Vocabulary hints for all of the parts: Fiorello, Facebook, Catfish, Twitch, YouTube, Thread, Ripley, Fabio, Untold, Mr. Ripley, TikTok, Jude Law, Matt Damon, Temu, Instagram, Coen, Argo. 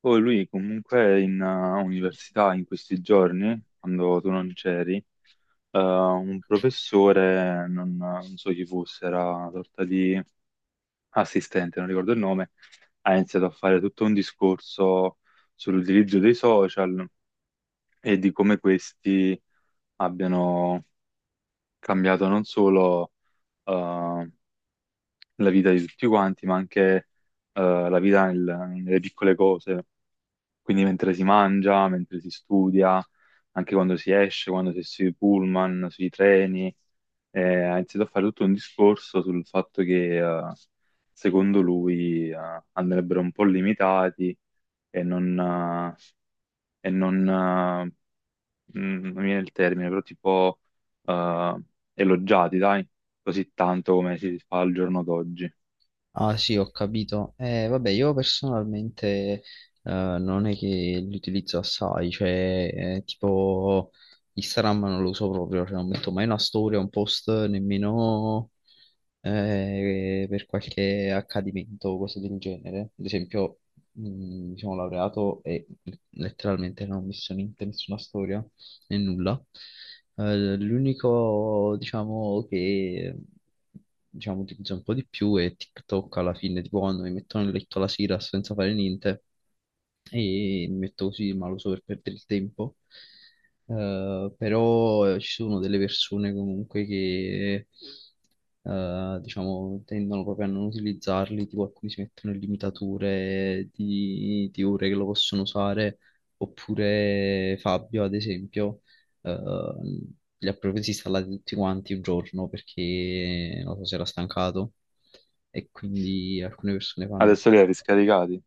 Poi lui comunque è in università in questi giorni, quando tu non c'eri, un professore, non so chi fosse, era una sorta di assistente, non ricordo il nome, ha iniziato a fare tutto un discorso sull'utilizzo dei social e di come questi abbiano cambiato non solo eh, la vita di tutti quanti, ma anche la vita nelle piccole cose. Quindi mentre si mangia, mentre si studia, anche quando si esce, quando si è sui pullman, sui treni, ha iniziato a fare tutto un discorso sul fatto che secondo lui andrebbero un po' limitati e non, e non, eh, non mi viene il termine, però tipo eh, elogiati, dai, così tanto come si fa al giorno d'oggi. Ah sì, ho capito. Vabbè, io personalmente eh, non è che li utilizzo assai, cioè tipo Instagram non lo uso proprio, cioè non metto mai una storia, un post, nemmeno per qualche accadimento o cose del genere. Ad esempio, mi sono laureato e letteralmente non ho messo niente, nessuna storia né nulla. L'unico, diciamo, che utilizzo un po' di più è TikTok alla fine, tipo quando mi metto nel letto la sera senza fare niente e mi metto così, ma lo so per perdere il tempo. Però ci sono delle persone comunque che diciamo tendono proprio a non utilizzarli, tipo alcuni si mettono limitature di ore che lo possono usare, oppure Fabio, ad esempio, eh, li ha proprio disinstallati tutti quanti un giorno perché non so se era stancato e quindi alcune persone fanno. Adesso li hai riscaricati?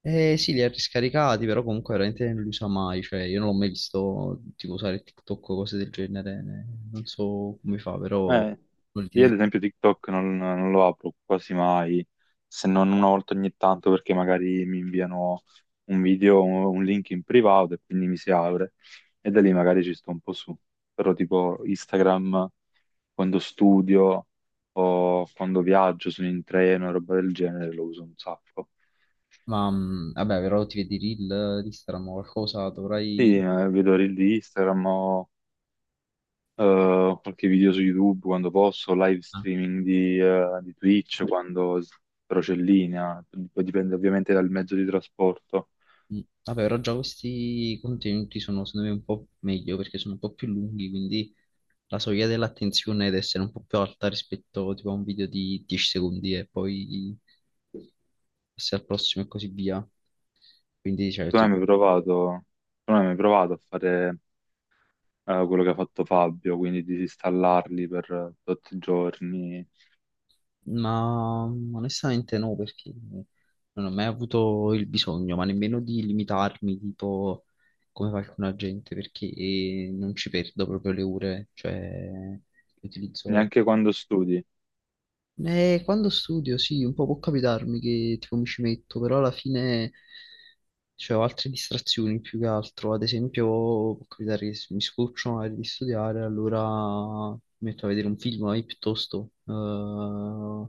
Eh sì, li ha riscaricati, però comunque veramente non li usa mai, cioè io non l'ho mai visto tipo usare TikTok o cose del genere, non so come fa, però... Eh, vuol Io dire- ad esempio TikTok non lo apro quasi mai, se non una volta ogni tanto perché magari mi inviano un video, un link in privato e quindi mi si apre e da lì magari ci sto un po' su. Però tipo Instagram quando studio o quando viaggio, sono in treno e roba del genere, lo uso un sacco. Ma vabbè, però ti vedi i reel di Instagram o qualcosa, Sì, dovrai... vedo reel di Instagram o qualche video su YouTube quando posso, live ah, streaming di Twitch però c'è linea, poi dipende ovviamente dal mezzo di trasporto. mh. Vabbè, però già questi contenuti sono secondo me un po' meglio perché sono un po' più lunghi, quindi la soglia dell'attenzione deve essere un po' più alta rispetto tipo a un video di 10 secondi e poi passi al prossimo e così via. Quindi, cioè, Tu non hai ti- mai provato, tu non hai mai provato a fare quello che ha fatto Fabio, quindi disinstallarli per tot giorni, Ma onestamente no, perché non ho mai avuto il bisogno, ma nemmeno di limitarmi, tipo come fa alcuna gente, perché non ci perdo proprio le ore, cioè le utilizzo. neanche quando studi. Quando studio, sì, un po' può capitarmi che tipo mi ci metto, però alla fine. Cioè, ho altre distrazioni più che altro. Ad esempio, può capitare che mi scoccio magari di studiare, allora mi metto a vedere un film magari piuttosto.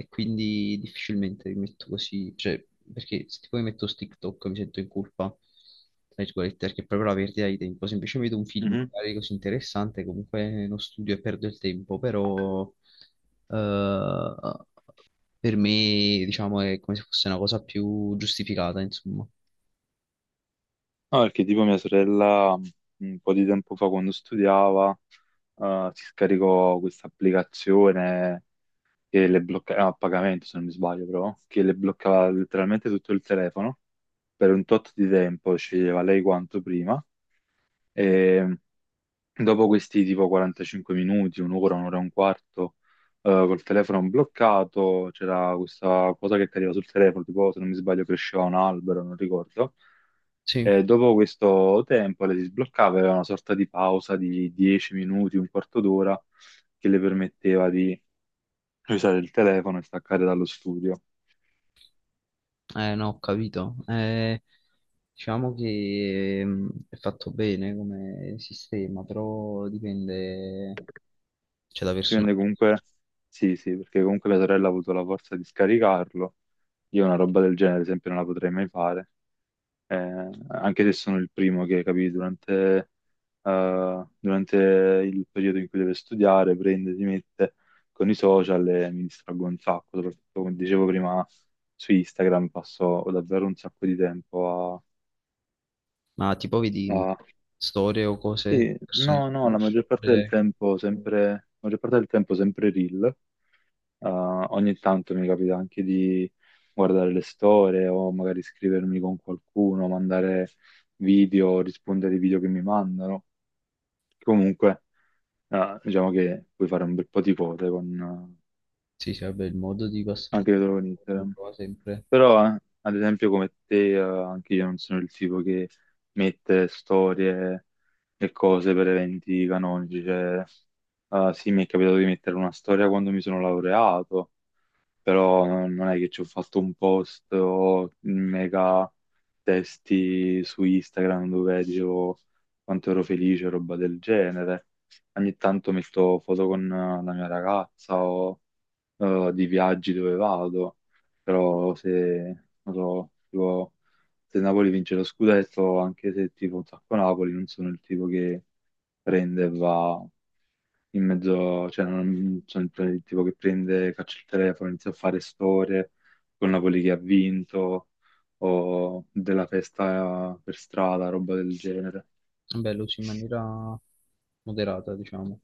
E quindi difficilmente mi metto così. Cioè, perché se tipo mi metto su TikTok mi sento in colpa, tra virgolette, perché è proprio la perdita di tempo. Se invece vedo un film Mhm. magari così interessante, comunque non studio e perdo il tempo, però eh, per me, diciamo, è come se fosse una cosa più giustificata, insomma. No, perché tipo mia sorella un po' di tempo fa quando studiava si scaricò questa applicazione che le bloccava, a pagamento se non mi sbaglio però, che le bloccava letteralmente tutto il telefono per un tot di tempo, sceglieva lei quanto prima e dopo questi tipo 45 minuti, un'ora, un'ora e un quarto col telefono bloccato, c'era questa cosa che cadeva sul telefono, tipo se non mi sbaglio cresceva un albero, non ricordo. Sì, E dopo questo tempo le si sbloccava, aveva una sorta di pausa di 10 minuti, un quarto d'ora che le permetteva di usare il telefono e staccare dallo studio. No, ho capito. Diciamo che è fatto bene come sistema, però dipende, cioè, da Ci persona. rende comunque, sì, sì, perché comunque mia sorella ha avuto la forza di scaricarlo. Io una roba del genere, ad esempio, non la potrei mai fare. Anche se sono il primo che, capì, durante il periodo in cui deve studiare, prende, si mette con i social e mi distraggo un sacco, soprattutto come dicevo prima su Instagram passo davvero un sacco di tempo Ma tipo a, vedi a- storie o cose, sì, persone che no, la conosci, maggior parte del oppure tempo sempre, la maggior parte del tempo sempre reel. Ogni tanto mi capita anche di guardare le storie o magari scrivermi con qualcuno, mandare video, rispondere ai video che mi mandano. Comunque, diciamo che puoi fare un bel po' di cose sì, sì, vabbè, il modo di passare il anche dietro con tempo lo Instagram. trova sempre. Però, ad esempio, come te, anche io non sono il tipo che mette storie e cose per eventi canonici. Cioè, sì, mi è capitato di mettere una storia quando mi sono laureato, però non è che ci ho fatto un post o mega testi su Instagram dove dicevo quanto ero felice, roba del genere. Ogni tanto metto foto con la mia ragazza o di viaggi dove vado, però se, non so, tipo, se Napoli vince lo scudetto, anche se tipo un sacco Napoli, non sono il tipo che prende e va in mezzo, cioè non sono il tipo che prende, caccia il telefono, inizia a fare storie con Napoli che ha vinto o della festa per strada, roba del genere. Vabbè, lo usi in maniera moderata, diciamo.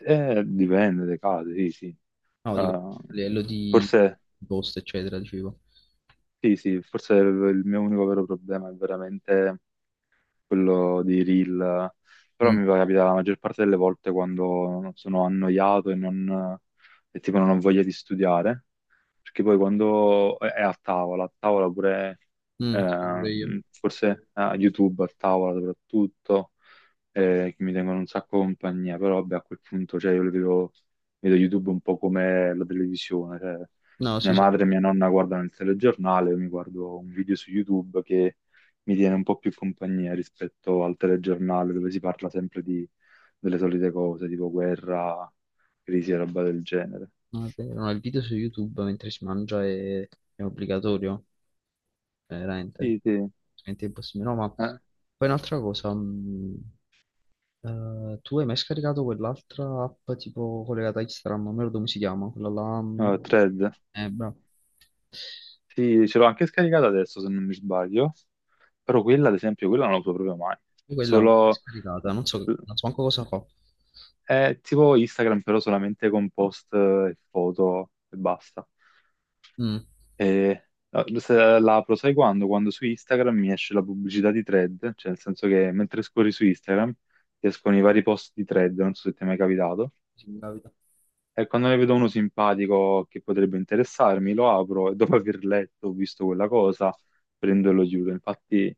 Dipende dai casi, sì, sì. No, dico, Eh, a livello di forse post, eccetera, dicevo. Sì, sì, forse il mio unico vero problema è veramente quello di reel, però Mm, mi capita la maggior parte delle volte quando sono annoiato e tipo non ho voglia di studiare, perché poi quando è a tavola pure mm, sì, eh, pure io. forse a YouTube a tavola soprattutto, che mi tengono un sacco compagnia, però vabbè, a quel punto cioè, vedo YouTube un po' come la televisione. Cioè, No, mia sì, sì. madre e mia nonna guardano il telegiornale, io mi guardo un video su YouTube che mi tiene un po' più compagnia rispetto al telegiornale dove si parla sempre di, delle solite cose, tipo guerra, crisi e roba del genere. No, è vero, no, il video su YouTube mentre si mangia è obbligatorio, veramente. Sì, sì. Veramente impossibile. No, ma Eh, poi un'altra cosa, tu hai mai scaricato quell'altra app tipo collegata a Instagram, non mi ricordo come si chiama, quella là... Thread. Bravo. Sì, ce l'ho anche scaricata adesso, se non mi sbaglio. Però quella, ad esempio, quella non la uso proprio mai. Io quella l'ho mai Solo... scaricata, non so, non so manco cosa fa. È tipo Instagram, però solamente con post e foto e basta. Mm. E se la apro, sai quando? Quando su Instagram mi esce la pubblicità di Thread, cioè nel senso che mentre scorri su Instagram ti escono i vari post di Thread, non so se ti è mai capitato. E quando ne vedo uno simpatico che potrebbe interessarmi, lo apro e dopo aver letto, o visto quella cosa, prendo e lo chiudo. Infatti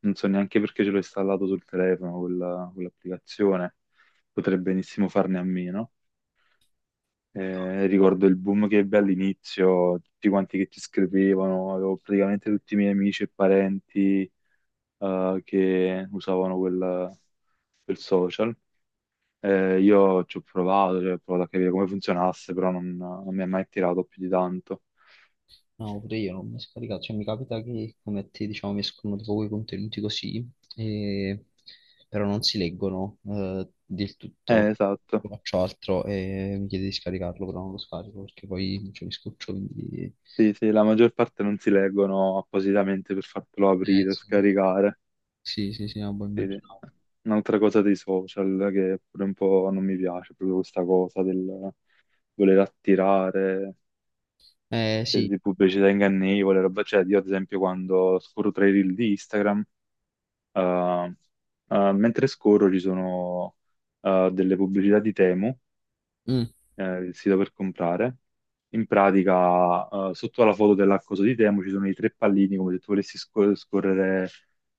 non so neanche perché ce l'ho installato sul telefono quell'applicazione. Potrei benissimo farne a meno. Ricordo il boom che ebbe all'inizio, tutti quanti che ci scrivevano, avevo praticamente tutti i miei amici e parenti che usavano quel social. Io ci ho provato, cioè, ho provato a capire come funzionasse, però non mi ha mai tirato più di tanto. No, pure io non mi scaricato, cioè mi capita che come a te diciamo mi escono tipo quei contenuti così, e- però non si leggono del tutto. Esatto. Io faccio altro e mi chiede di scaricarlo, però non lo scarico perché poi cioè, mi scoccio, quindi... Sì, sì, la maggior parte non si leggono appositamente per fartelo Eh aprire o sì, scaricare. sì, sì, sì, no, poi Sì, sì. immaginavo. Un'altra cosa dei social che pure un po' non mi piace, proprio questa cosa del voler attirare, Eh cioè, sì, di pubblicità ingannevole, roba. Cioè, io ad esempio quando scorro tra i reel di Instagram, eh, mentre scorro ci sono delle pubblicità di Temu mm, il sito per comprare. In pratica, sotto alla foto dell'accoso di Temu ci sono i tre pallini, come se tu volessi scorrere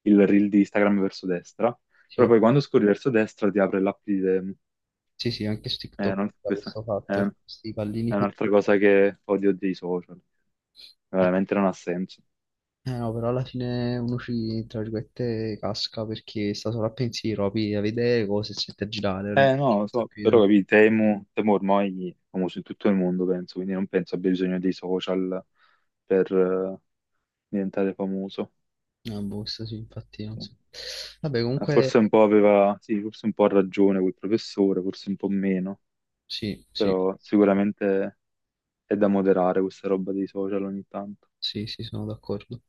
il reel di Instagram verso destra. sì, Però oh. poi quando scorri verso destra ti apre l'app di Temu. Sì, sì, anche su TikTok da Questa questo è, fatto, è questi pallini qui. un'altra cosa che odio dei social. Eh. Veramente non ha senso. Eh no, però alla fine uno ci, tra virgolette, casca perché sta solo a pensiero, a vedere cose e sente a girare, non è Eh che no, lo sa so, più di però tanto. capì, Temu, Temu ormai è famoso in tutto il mondo, penso, quindi non penso abbia bisogno dei social per diventare famoso. Ah, boh, questo sì, infatti, non so. Vabbè, comunque, Forse un po' aveva, sì, forse un po' ha ragione quel professore, forse un po' meno, sì, sì, però sicuramente è da moderare questa roba dei social ogni tanto. sì, sì, sono d'accordo.